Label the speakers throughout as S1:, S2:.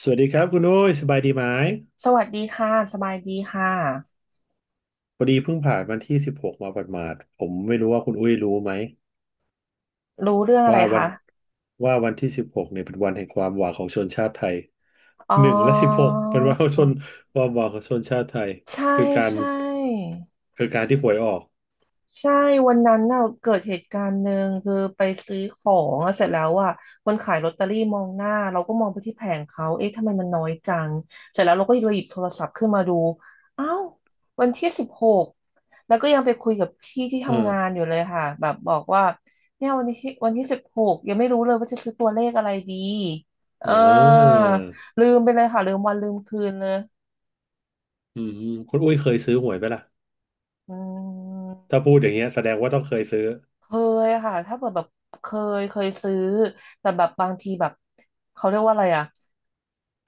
S1: สวัสดีครับคุณอุ้ยสบายดีไหม
S2: สวัสดีค่ะสบายดีค่ะ
S1: พอดีเพิ่งผ่านวันที่สิบหกมาหมาดๆผมไม่รู้ว่าคุณอุ้ยรู้ไหม
S2: รู้เรื่องอะไร
S1: ว่าวัน
S2: คะ
S1: ว่าวันที่สิบหกเนี่ยเป็นวันแห่งความหวังของชนชาติไทย
S2: อ๋อ
S1: หนึ่งและสิบหกเป็นวันของชนความหวังของชนชาติไทย
S2: ใช่
S1: คือการ
S2: ใช่
S1: คือการที่หวยออก
S2: ใช่วันนั้นน่ะเกิดเหตุการณ์หนึ่งคือไปซื้อของอะเสร็จแล้วอ่ะคนขายลอตเตอรี่มองหน้าเราก็มองไปที่แผงเขาเอ๊ะทำไมมันน้อยจังเสร็จแล้วเราก็เลยหยิบโทรศัพท์ขึ้นมาดูอ้าววันที่สิบหกแล้วก็ยังไปคุยกับพี่ที่
S1: เอ
S2: ทำ
S1: อ
S2: งานอยู่เลยค่ะแบบบอกว่าเนี่ยวันที่สิบหกยังไม่รู้เลยว่าจะซื้อตัวเลขอะไรดีเออ
S1: อ่า
S2: ลืมไปเลยค่ะลืมวันลืมคืนเลย
S1: อืมคุณอุ้ยเคยซื้อหวยไหมล่ะ
S2: อื
S1: ถ้า
S2: ม
S1: พูดอย่างเงี้ยแสดงว่าต้องเคยซื้อ
S2: เคยค่ะถ้าเปิดแบบเคเคยซื้อแต่แบบบางทีแบบเขาเรียกว่าอะไรอ่ะ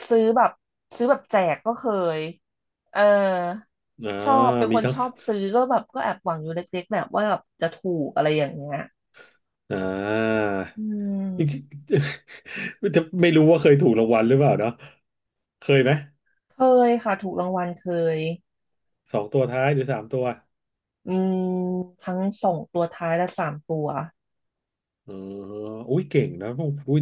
S2: ซื้อแบบซื้อแบบแจกก็เคยเออ
S1: อ่า
S2: ชอบเป็นค
S1: มี
S2: น
S1: ทั้ง
S2: ชอบซื้อก็แบบก็แอบหวังอยู่เล็กๆแหละว่าแบบจะถูกอะไรอย่างเงี้ย
S1: อ่า
S2: อื
S1: จริง
S2: ม
S1: ๆ จะไม่รู้ว่าเคยถูกรางวัลหรือเปล่าเนาะเคยไหม
S2: เคยค่ะถูกรางวัลเคย
S1: สองตัวท้ายหรือสามตัว
S2: อืมทั้งสองตัวท้ายและสามตัว
S1: อ๋ออุ้ยเก่งนะอุ้ย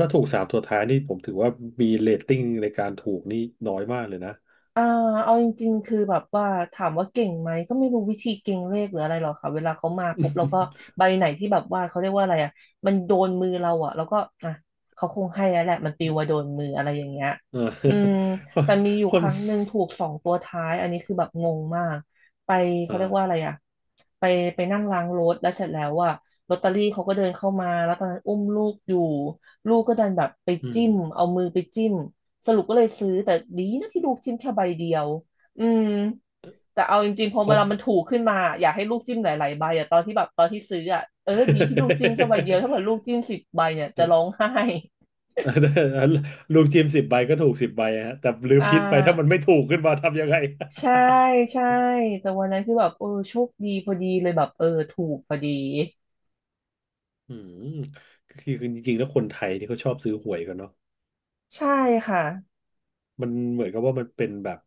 S1: ถ้าถูกสามตัวท้ายนี่ผมถือว่ามีเรตติ้งในการถูกนี่น้อยมากเลยนะ
S2: อ่าเอาจริงๆคือแบบว่าถามว่าเก่งไหมก็ไม่รู้วิธีเก่งเลขหรืออะไรหรอกค่ะเวลาเขามาปุ๊บเราก็ ใบไหนที่แบบว่าเขาเรียกว่าอะไรอ่ะมันโดนมือเราอ่ะแล้วก็อ่ะเขาคงให้แล้วแหละมันปลิวมาโดนมืออะไรอย่างเงี้ย
S1: เออ
S2: อืม
S1: คน
S2: แต่มีอยู่
S1: ค
S2: ค
S1: น
S2: รั้งหนึ่งถูกสองตัวท้ายอันนี้คือแบบงงมากไป
S1: เ่
S2: เขาเรียกว่าอะ
S1: อ
S2: ไรอ่ะไปไปนั่งล้างรถแล้วเสร็จแล้วอ่ะลอตเตอรี่เขาก็เดินเข้ามาแล้วตอนนั้นอุ้มลูกอยู่ลูกก็ดันแบบไป
S1: อืม
S2: จิ้มเอามือไปจิ้ม สรุปก็เลยซื้อแต่ดีนะที่ลูกจิ้มแค่ใบเดียวอืมแต่เอาจริงๆพอ
S1: เพ
S2: เว
S1: ราะ
S2: ลามันถูกขึ้นมาอยากให้ลูกจิ้มหลายๆใบอะตอนที่แบบตอนที่ซื้ออะเออดีที่ลูกจิ้มแค่ใบเดียวถ้าเกิดลูกจิ้มสิบใบเนี่ยจะร้องไห้
S1: ลูกทีมสิบใบก็ถูกสิบใบฮะแต่ลืม
S2: อ่
S1: คิดไปถ้ามัน
S2: า
S1: ไม่ถูกขึ้นมาทำยังไง
S2: ใช่ใช่แต่วันนั้นคือแบบเออโชคดีพอดีเลยแบบเออถูกพอดี
S1: อืมคือจริงๆแล้วคนไทยที่เขาชอบซื้อหวยกันเนาะ
S2: ใช่ค่ะ
S1: มันเหมือนกับว่ามันเป็นแบบ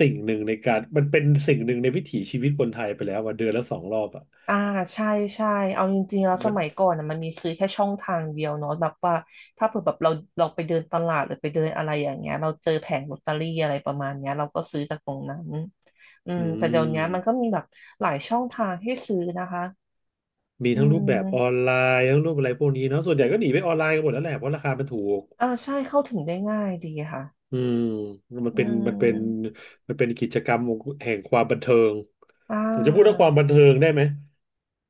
S1: สิ่งหนึ่งในการมันเป็นสิ่งหนึ่งในวิถีชีวิตคนไทยไปแล้วว่าเดือนละสองรอบอ่ะ
S2: อ่าใช่ใช่เอาจริงๆแล้วส
S1: มัน
S2: มัยก่อนน่ะมันมีซื้อแค่ช่องทางเดียวเนาะแบบว่าถ้าเผื่อแบบเราเราไปเดินตลาดหรือไปเดินอะไรอย่างเงี้ยเราเจอแผงลอตเตอรี่อะไรประมาณเนี้ยเราก็ซื้อจากตรงนั้นอื
S1: อื
S2: มแต่เดี๋ยวเนี้ยมันก็
S1: ม
S2: มีแบบหลายช่องทางให้ซื้อนะคะ
S1: มี
S2: อื
S1: ทั้งรูปแบบออน
S2: ม
S1: ไลน์ทั้งรูปอะไรพวกนี้เนาะส่วนใหญ่ก็หนีไปออนไลน์กันหมดแล้วแหละเพราะราคามันถูก
S2: อ่าใช่เข้าถึงได้ง่ายดีค่ะ
S1: อืมมัน
S2: อื
S1: เป็นมันเป็น
S2: ม
S1: มันเป็นกิจกรรมแห่งความบันเทิง
S2: อ่
S1: ผมจะพูดว่า
S2: า
S1: ความบันเทิงได้ไหม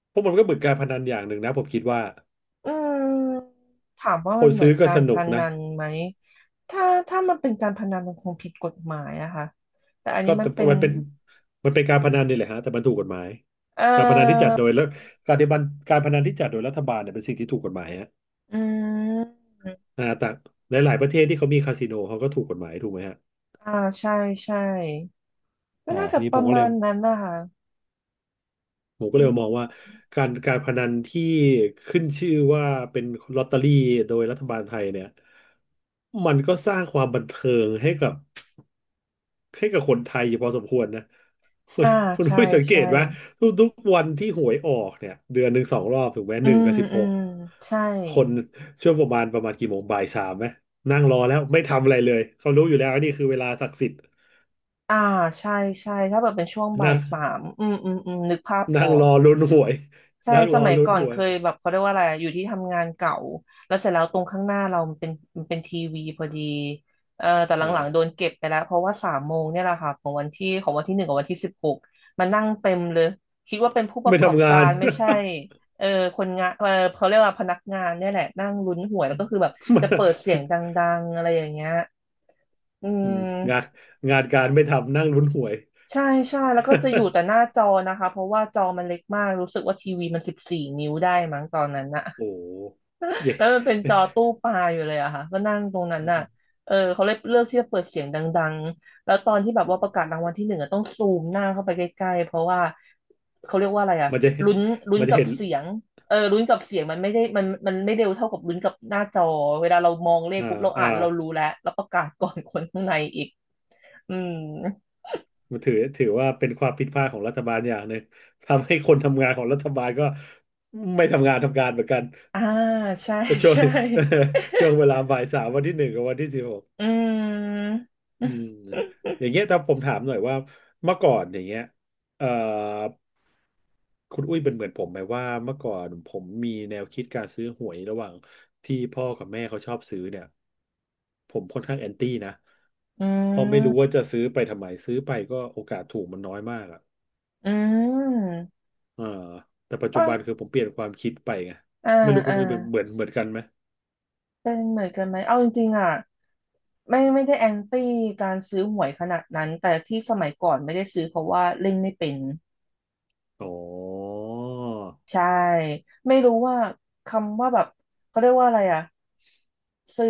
S1: เพราะมันก็เหมือนการพนันอย่างหนึ่งนะผมคิดว่า
S2: อืมถามว่า
S1: ค
S2: มั
S1: น
S2: นเหมื
S1: ซื้
S2: อ
S1: อ
S2: น
S1: ก็
S2: กา
S1: ส
S2: รพ
S1: นุกนะ
S2: นันไหมถ้าถ้ามันเป็นการพนันมันคงผิดกฎหมายอะค่ะแต่อัน
S1: ก็
S2: นี้มั
S1: แต่
S2: นเป็น
S1: มันเป็นการพนันนี่แหละฮะแต่มันถูกกฎหมาย
S2: เอ
S1: การพนันที่จั
S2: อ
S1: ดโดยแล้วการที่บันการพนันที่จัดโดยรัฐบาลเนี่ยเป็นสิ่งที่ถูกกฎหมายฮะ
S2: อืม
S1: แต่หลายๆประเทศที่เขามีคาสิโนเขาก็ถูกกฎหมายถูกไหมฮะ
S2: อ่า ใช่ใช่ก็น่า
S1: ที
S2: จะ
S1: นี้
S2: ประมาณนั้นนะคะ
S1: ผมก็เล
S2: อื
S1: ย
S2: ม
S1: มองว่าการพนันที่ขึ้นชื่อว่าเป็นลอตเตอรี่โดยรัฐบาลไทยเนี่ยมันก็สร้างความบันเทิงให้กับ ให้กับคนไทยอยู่พอสมควรนะ คุณ
S2: อ่า
S1: คุณ
S2: ใช่
S1: อุ้ยสังเก
S2: ใช่
S1: ตไหมทุกวันที่หวยออกเนี่ยเดือนหนึ่งสองรอบถูกไหม
S2: อื
S1: หนึ่ง
S2: ม
S1: กับสิบ
S2: อื
S1: หก
S2: มใช่
S1: คนช่วงประมาณกี่โมงบ่ายสามไหมนั่งรอแล้วไม่ทำอะไรเลยเขารู้อยู่แล้วนี่คือเวลาศักดิ์สิทธิ์
S2: อ่า ใช่ใช่ถ้าแบบเป็นช่วงบ่า
S1: นั่
S2: ย
S1: ง
S2: สามอืมอืมอืมนึกภาพอ
S1: นั่
S2: อ
S1: งร
S2: ก
S1: อลุ้นหวย
S2: ใช่
S1: นั่งร
S2: ส
S1: อ
S2: มัย
S1: ลุ้น
S2: ก่อน
S1: หว
S2: เค
S1: ย
S2: ยแบบเขาเรียกว่าอะไรอะอยู่ที่ทำงานเก่าแล้วเสร็จแล้วตรงข้างหน้าเรามันเป็นทีวีพอดีเออแต่หลั
S1: อ่า
S2: งๆโดนเก็บไปแล้วเพราะว่าสามโมงเนี่ยแหละค่ะของวันที่หนึ่งกับวันที่สิบหกมานั่งเต็มเลยคิดว่าเป็นผู้ประ
S1: ไม่
S2: กอบ
S1: ทำงา
S2: กา
S1: น
S2: รไม่ใช่เออคนงานเออเขาเรียกว่าพนักงานเนี่ยแหละนั่งลุ้นหวยแล้วก็คือแบบ
S1: มัน
S2: จะเปิดเสียงดังๆอะไรอย่างเงี้ยอื
S1: อืมงาน
S2: ม
S1: งานการไม่ทำนั่งลุ้นหวย
S2: ใช่ใช่แล้วก็จะอยู่แต่หน้า จอนะคะเพราะว่าจอมันเล็กมากรู้สึกว่าทีวีมันสิบสี่นิ้วได้มั้งตอนนั้นนะ
S1: โอ้ย
S2: แล้วมันเป็นจอตู้ปลาอยู่เลยอะค่ะก็นั่งตรงนั้นน่ะเออเขาเลยเลือกที่จะเปิดเสียงดังๆแล้วตอนที่แบบว่าประกาศรางวัลที่หนึ่งอะต้องซูมหน้าเข้าไปใกล้ๆเพราะว่าเขาเรียกว่าอะไรอะ
S1: มันจะ
S2: ลุ้นลุ้น
S1: มันจะ
S2: กับ
S1: เห็น
S2: เสียงเออลุ้นกับเสียงมันไม่ได้มันไม่เร็วเท่ากับลุ้นกับหน้าจอเวลาเรามองเลข
S1: อ่า
S2: ปุ๊บเรา
S1: อ่า
S2: อ่านเรารู้แล้วแล้วประกาศก่อน คนข้างในอีกอืม
S1: มันถือว่าเป็นความผิดพลาดของรัฐบาลอย่างหนึ่ง ทำให้คนทำงานของรัฐบาลก็ไม่ทำงานทำการเหมือนกัน
S2: อ่าใช่
S1: ช่วง
S2: ใช่
S1: ช่วงเวลาบ่ายสามวันที่หนึ่งกับวันที่สิบหก
S2: อืม
S1: อืมอย่างเงี้ยถ้าผมถามหน่อยว่าเมื่อก่อนอย่างเงี้ยเอ่อคุณอุ้ยเป็นเหมือนผมไหมว่าเมื่อก่อนผมมีแนวคิดการซื้อหวยระหว่างที่พ่อกับแม่เขาชอบซื้อเนี่ยผมค่อนข้างแอนตี้นะ
S2: อื
S1: เพราะไม่รู้ว่า
S2: ม
S1: จะซื้อไปทำไมซื้อไปก็โอกาสถูกมันน้อยมากอะ
S2: อืม
S1: อ่าแต่ปัจจุ
S2: ก็
S1: บันคือผมเปลี่ยนความคิดไปไง
S2: อ่า
S1: ไม่รู้คุณ
S2: อ่า
S1: อุ้ยเป็นเหมือนกันไหม
S2: เป็นเหมือนกันไหม เอาจริงๆอ่ะไม่ได้แอนตี้การซื้อหวยขนาดนั้นแต่ที่สมัยก่อนไม่ได้ซื้อเพราะว่าเล่นไม่เป็น
S1: อ๋อ
S2: ใช่ไม่รู้ว่าคำว่าแบบเขาเรียกว่าอะไรอ่ะซื้อ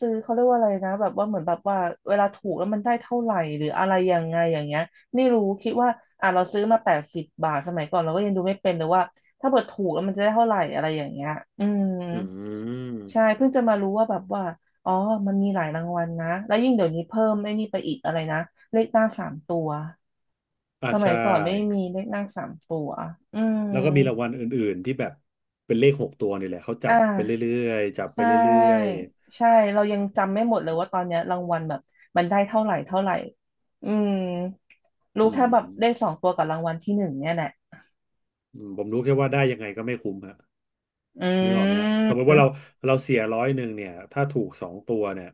S2: ซื้อเขาเรียกว่าอะไรนะแบบว่าเหมือนแบบว่าเวลาถูกแล้วมันได้เท่าไหร่หรืออะไรยังไงอย่างเงี้ยไม่รู้คิดว่าอ่ะเราซื้อมา80 บาทสมัยก่อนเราก็ยังดูไม่เป็นเลยว่าถ้าเกิดถูกแล้วมันจะได้เท่าไหร่อะไรอย่างเงี้ยอืม
S1: อื
S2: ใช่
S1: ม
S2: เพิ่งจะมารู้ว่าแบบว่าอ๋อมันมีหลายรางวัลนะแล้วยิ่งเดี๋ยวนี้เพิ่มไอ้นี่ไปอีกอะไรนะเลขหน้าสามตัว
S1: อ่า
S2: สมั
S1: ใช่
S2: ยก่อนไม่มีเลขหน้าสามตัวอืม
S1: แล้วก็มีรางวัลอื่นๆที่แบบเป็นเลขหกตัวนี่แหละเขาจั
S2: อ่
S1: บไป
S2: า
S1: เรื่อยๆจับไป
S2: ใช่
S1: เรื่อย
S2: ใช่เรายังจำไม่หมดเลยว่าตอนเนี้ยรางวัลแบบมันได้เท่าไหร่เท่าไหร่อืม
S1: ๆ
S2: รู้
S1: อื
S2: แค่แบ
S1: ม
S2: บเลขสองตัวกับรางวัลที่หนึ่งเนี่ยแหละ
S1: อืมผมรู้แค่ว่าได้ยังไงก็ไม่คุ้มฮะ
S2: อื
S1: นึกออกไหมฮะสมมติว่าเรา
S2: ม
S1: เสียร้อยหนึ่งเนี่ยถ้าถูกสองตัวเนี่ย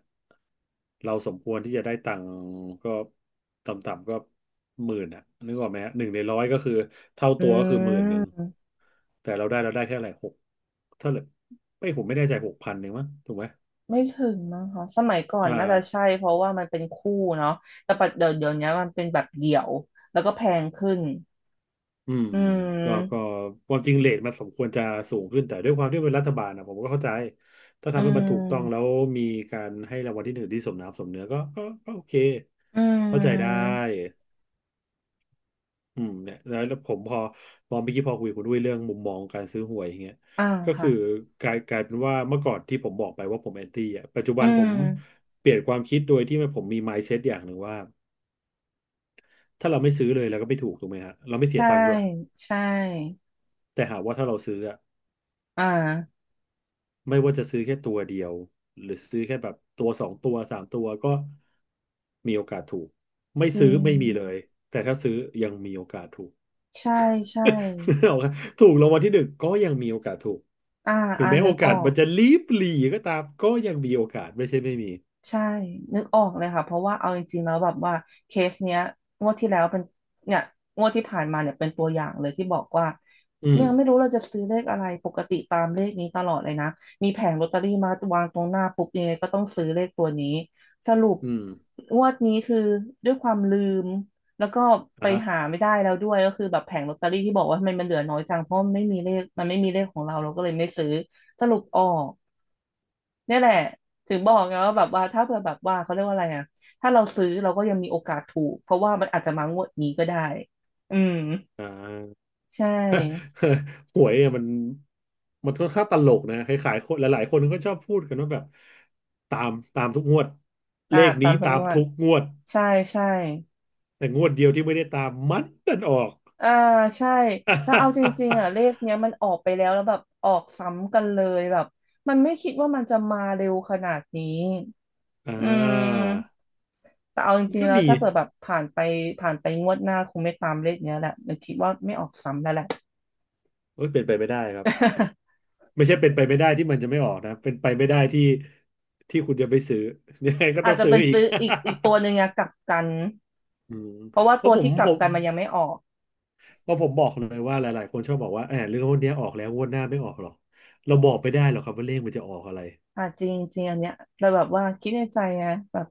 S1: เราสมควรที่จะได้ตังค์ก็ต่ำๆก็หมื่นอ่ะนึกออกไหมฮะหนึ่งในร้อยก็คือเท่า
S2: อื
S1: ตัวก็คือหมื่นหนึ่ง
S2: ม
S1: แต่เราได้แค่อะไหรหกเท่าไหร่ไม่ผมไม่แน่ใจหกพันเองมั้งถูกไหม
S2: ไม่ถึงมั้งคะสมัยก่อน
S1: อ่า
S2: น่าจะใช่เพราะว่ามันเป็นคู่เนาะแต่ปัจเดี๋ยวเดี๋ยวนี้มันเป็นแบบเดี่ยวแล้วก็แพงขึ้น
S1: อืม
S2: อื
S1: ก็
S2: ม
S1: ความจริงเรทมันสมควรจะสูงขึ้นแต่ด้วยความที่เป็นรัฐบาลนะผมก็เข้าใจถ้า
S2: อื
S1: ทำให้มันถูกต้องแล้ว
S2: ม
S1: มีการให้รางวัลที่หนึ่งที่สมน้ำสมเนื้อก็โอเค
S2: อื
S1: เข้าใจได้
S2: ม
S1: อืมเนี่ยแล้วผมพอเมื่อกี้พอคุยกับคุณด้วยเรื่องมุมมองการซื้อหวยอย่างเงี้ย
S2: อ่า
S1: ก็คือ
S2: ค่ะ
S1: กลายเป็นว่าเมื่อก่อนที่ผมบอกไปว่าผมแอนตี้อ่ะปัจจุบั
S2: อื
S1: นผ
S2: ม
S1: มเปลี่ยนความคิดโดยที่ผมมี mindset อย่างหนึ่งว่าถ้าเราไม่ซื้อเลยเราก็ไม่ถูกถูกไหมฮะเราไม่เสีย
S2: ใช่
S1: ตังค์ด้วย
S2: ใช่
S1: แต่หากว่าถ้าเราซื้ออะ
S2: อ่า
S1: ไม่ว่าจะซื้อแค่ตัวเดียวหรือซื้อแค่แบบตัวสองตัวสามตัวก็มีโอกาสถูกไม่
S2: จริ
S1: ซื้อ
S2: ง
S1: ไม่มีเลยแต่ถ้าซื้อยังมีโอกาสถูก
S2: ใช่ใช่
S1: นึกออกไหมถูกรางวัลที่หนึ่งก็ยังมีโอกาสถูก
S2: อ่า
S1: ถึง
S2: อ่า
S1: แม้
S2: นึ
S1: โอ
S2: กอ
S1: กา
S2: อ
S1: สมั
S2: ก
S1: นจะลีบหลีก็ตามก็ยังมีโอกาสไม่ใช่ไม่มี
S2: ใช่นึกออกเลยค่ะเพราะว่าเอาจริงๆแล้วแบบว่าเคสเนี้ยงวดที่แล้วเป็นเนี่ยงวดที่ผ่านมาเนี่ยเป็นตัวอย่างเลยที่บอกว่า
S1: อืม
S2: ยังไม่รู้เราจะซื้อเลขอะไรปกติตามเลขนี้ตลอดเลยนะมีแผงลอตเตอรี่มาวางตรงหน้าปุ๊บยังไงก็ต้องซื้อเลขตัวนี้สรุป
S1: อืม
S2: งวดนี้คือด้วยความลืมแล้วก็ไป
S1: อ่ะฮะ
S2: หาไม่ได้แล้วด้วยก็คือแบบแผงลอตเตอรี่ที่บอกว่าทำไมมันเหลือน้อยจังเพราะมันไม่มีเลขมันไม่มีเลขของเราเราก็เลยไม่ซื้อสรุปออก เนี่ยแหละถึงบอกไงว่าแบบว่าถ้าเผื่อแบบว่าเขาเรียกว่าอะไรอ่ะถ้าเราซื้อเราก็ยังมีโอกาสถูกเพราะว่ามันอาจจะมางวดนี้ก็ได้อืม
S1: อ่า
S2: ใช่
S1: หวยอะมันค่อนข้างตลกนะคล้ายๆคนหลายๆคนก็ชอบพูดกันว่าแบบตามทุกงวดเล
S2: อ่า
S1: ข
S2: ตา
S1: นี้
S2: มทุก
S1: ตาม
S2: งวด
S1: ทุกงวด
S2: ใช่ใช่
S1: แต่งวดเดียวที่ไม่ได้ตามมันดันออก
S2: อ่าใช่แล้วเอาจริงๆอ่ะเล ขเนี้ยมันออกไปแล้วแล้วแบบออกซ้ำกันเลยแบบมันไม่คิดว่ามันจะมาเร็วขนาดนี้
S1: อ่
S2: อื
S1: า
S2: มแต่เอาจริง
S1: ก็
S2: ๆแล้ว
S1: มี
S2: ถ้าเปิดแบบผ่านไปผ่านไปงวดหน้าคงไม่ตามเลขเนี้ยแหละมันคิดว่าไม่ออกซ้ำแล้วแหละ
S1: โอ้ยเป็นไปไม่ได้ครับ ไม่ใช่เป็นไปไม่ได้ที่มันจะไม่ออกนะเป็นไปไม่ได้ที่ที่คุณจะไปซื้อ ยังไงก็
S2: อา
S1: ต้อ
S2: จ
S1: ง
S2: จะ
S1: ซื้อ
S2: เป็น
S1: อีก
S2: ซื้ออีกตัวหนึ่งอะ กลับกัน
S1: อืม
S2: เพราะว่า
S1: เพ
S2: ตั
S1: ราะ
S2: ว
S1: ผม
S2: ที่ก
S1: ผ
S2: ลับ
S1: ม
S2: กันมันยังไม่ออก
S1: เพราะผมบอกเลยว่าหลายๆคนชอบบอกว่าแหมเรื่องพวกเนี้ยออกแล้วงวดหน้าไม่ออกหรอกเราบอกไม่ได้หรอกครับว่าเลขมันจะออกอะไร
S2: อ่าจริงจริงอันเนี้ยแต่แบบว่าคิดในใจไงแบบ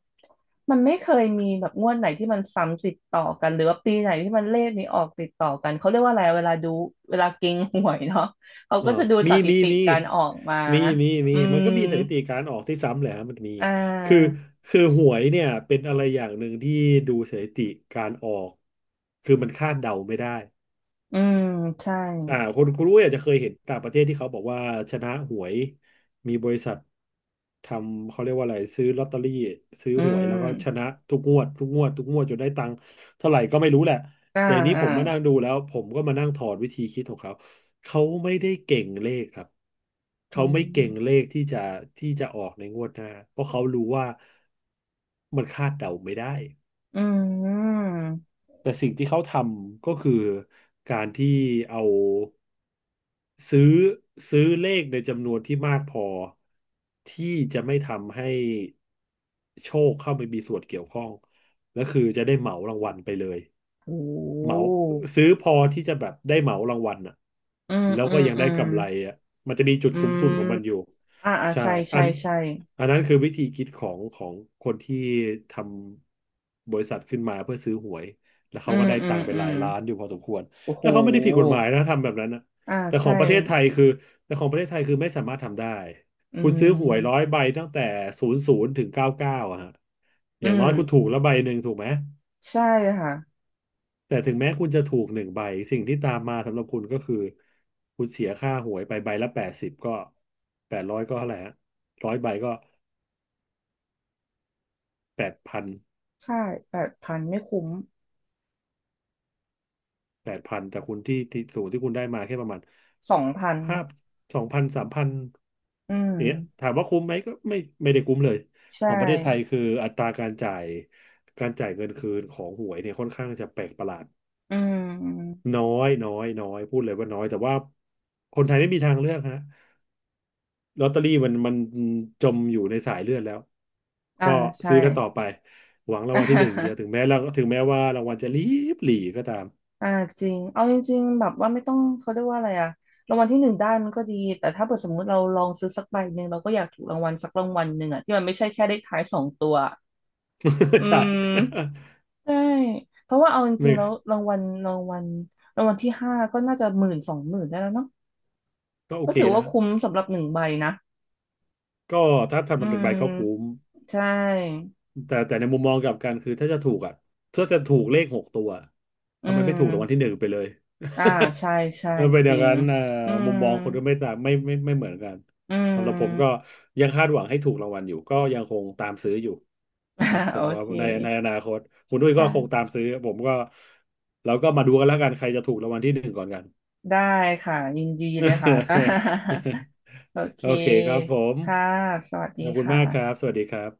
S2: มันไม่เคยมีแบบงวดไหนที่มันซ้ำติดต่อกันหรือว่าปีไหนที่มันเลขนี้ออกติดต่อกันเขาเรียกว่าอะไรเวลาดูเวลาเก็งหวยเนาะเขา
S1: เอ่า
S2: ก็จะดู
S1: มี
S2: สถิ
S1: มี
S2: ติ
S1: มี
S2: การออกมา
S1: มีมี
S2: อื
S1: มัน
S2: ม
S1: ก็มีสถิติการออกที่ซ้ำแหละฮะมันมี
S2: อ่า
S1: คือคือหวยเนี่ยเป็นอะไรอย่างหนึ่งที่ดูสถิติการออก คือมันคาดเดาไม่ได้
S2: อืมใช่
S1: อ่าคนคุณอุ้ยอาจจะเคยเห็นต่างประเทศที่เขาบอกว่าชนะหวยมีบริษัททำเขาเรียกว่าอะไรซื้อลอตเตอรี่ซื้อ
S2: อื
S1: หวยแล้ว
S2: ม
S1: ก็ชนะทุกงวดทุกงวดทุกงวดจนได้ตังค์เท่าไหร่ก็ไม่รู้แหละ
S2: อ่า
S1: แต่อันนี้
S2: อ่า
S1: ผมมานั่งดูแล้วผมก็มานั่งถอดวิธีคิดของเขาเขาไม่ได้เก่งเลขครับ
S2: อื
S1: เขาไม่เก่งเล
S2: ม
S1: ขที่จะออกในงวดหน้าเพราะเขารู้ว่ามันคาดเดาไม่ได้
S2: อืม
S1: แต่สิ่งที่เขาทำก็คือการที่เอาซื้อซื้อเลขในจำนวนที่มากพอที่จะไม่ทำให้โชคเข้าไปมีส่วนเกี่ยวข้องแล้วคือจะได้เหมารางวัลไปเลย
S2: โอ้
S1: เหมาซื้อพอที่จะแบบได้เหมารางวัลอ่ะ
S2: อืม
S1: แล้ว
S2: อื
S1: ก็
S2: ม
S1: ยัง
S2: อื
S1: ได้
S2: ม
S1: กำไรอ่ะมันจะมีจุด
S2: อื
S1: คุ้มทุนของมั
S2: ม
S1: นอยู่
S2: อ่าอ่า
S1: ใช่
S2: ใช่
S1: อั
S2: ใช่
S1: น
S2: ใช่
S1: อันนั้นคือวิธีคิดของคนที่ทำบริษัทขึ้นมาเพื่อซื้อหวย แล้ว
S2: อื
S1: เขาก็
S2: ม
S1: ได้
S2: อื
S1: ตั
S2: ม
S1: งค์ไป
S2: อื
S1: หลา
S2: ม
S1: ยล้านอยู่พอสมควร
S2: โอ้โห
S1: แล้วเขาไม่ได้ผิดกฎหมายนะทำแบบนั้นนะ
S2: อ่า
S1: แต่ขอ
S2: ใช่
S1: งประเทศไทยคือ แต่ของประเทศไทยคือไม่สามารถทำได้
S2: อื
S1: คุณซื้อหวยร้อย
S2: ม
S1: ใบตั้งแต่ศูนย์ศูนย์ถึงเก้าเก้าอะฮะอ
S2: อื
S1: ย่าง
S2: ม
S1: น้อยคุณถูกละใบหนึ่งถูกไหม
S2: ใช่ค่ะ
S1: แต่ถึงแม้คุณจะถูกหนึ่งใบสิ่งที่ตามมาสำหรับคุณก็คือคุณเสียค่าหวยไปใบละ80ก็800ก็เท่าไหร่ฮะร้อยใบก็แปดพัน
S2: ค่า8,000ไม่คุ้ม
S1: แปดพันแต่คุณที่สูตรที่คุณได้มาแค่ประมาณ
S2: 2,000
S1: ห้า2,0003,000
S2: อื
S1: อ
S2: ม
S1: ย่างเงี้ยถามว่าคุ้มไหมก็ไม่ไม่ได้คุ้มเลยข
S2: ใช่
S1: องประเทศไทยคืออัตราการจ่ายเงินคืนของหวยเนี่ยค่อนข้างจะแปลกประหลาด
S2: อืม
S1: น้อยน้อยน้อยพูดเลยว่าน้อยแต่ว่าคนไทยไม่มีทางเลือกฮะลอตเตอรี่มันจมอยู่ในสายเลือดแล้ว
S2: อ่า
S1: ก็
S2: ใช่
S1: ซื้อกันต่อไปหวังรา ง
S2: อ่
S1: วัลที่หนึ่งเดียวถึ
S2: า
S1: งแม้เราถึงแม้ว่ารางวัลจะลีบหลีก็ตาม
S2: อ่าจริงเอาจริงๆแบบว่าไม่ต้องเขาเรียกว่าอะไรอะรางวัลที่หนึ่งได้มันก็ดี แต่ถ้าเกิดสมมุติเราลองซื้อสักใบหนึ่งเราก็อยากถูกรางวัลสักรางวัลหนึ่งอะที่มันไม่ใช่แค่เลขท้ายสองตัว อื
S1: ใช่
S2: ม ใช่เพราะว่าเอาจ ริ
S1: ไม่
S2: งๆแล้วรางวัลที่ห้าก็น่าจะหมื่น20,000ได้แล้วเนาะ
S1: ก็โอ
S2: ก็
S1: เค
S2: ถือ
S1: แล้ว
S2: ว่า
S1: ฮะ
S2: คุ้มสำหรับหนึ่งใบนะ
S1: ก็ถ้าทำแบ
S2: อื
S1: บหนึ่งใบก็คุ้ม
S2: ม ใช่
S1: แต่ในมุมมองกลับกันคือถ้าจะถูกอ่ะถ้าจะถูกเลขหกตัว
S2: อื
S1: ทำไมไม่ถู
S2: ม
S1: กรางวัลที่หนึ่งไปเลย
S2: อ่าใช่ ใช่
S1: เออเป็นอ
S2: จ
S1: ย่าง
S2: ริง
S1: นั้นอ่า
S2: อื
S1: มุ
S2: ม
S1: มมองคนก็ไม่ต่างไม่เหมือนกัน
S2: อื
S1: สำหรับผมก็
S2: ม
S1: ยังคาดหวังให้ถูกรางวัลอยู่ก็ยังคงตามซื้ออยู่
S2: อ่า
S1: นะผ
S2: โอ
S1: มว่า
S2: เค
S1: ในอนาคตคุณด้วยก็คงตาม
S2: ได้
S1: ซื้อผมก็เราก็มาดูกันแล้วกันใครจะถูกรางวัลที่หนึ่งก่อนกัน
S2: ได้ค่ะ ยินดีเลยค่ะ โอเค
S1: โอเคครับผม
S2: ค่ะ สวัสดี
S1: ขอบคุ
S2: ค
S1: ณมากครับ
S2: ่ะ
S1: สวัสดีครับ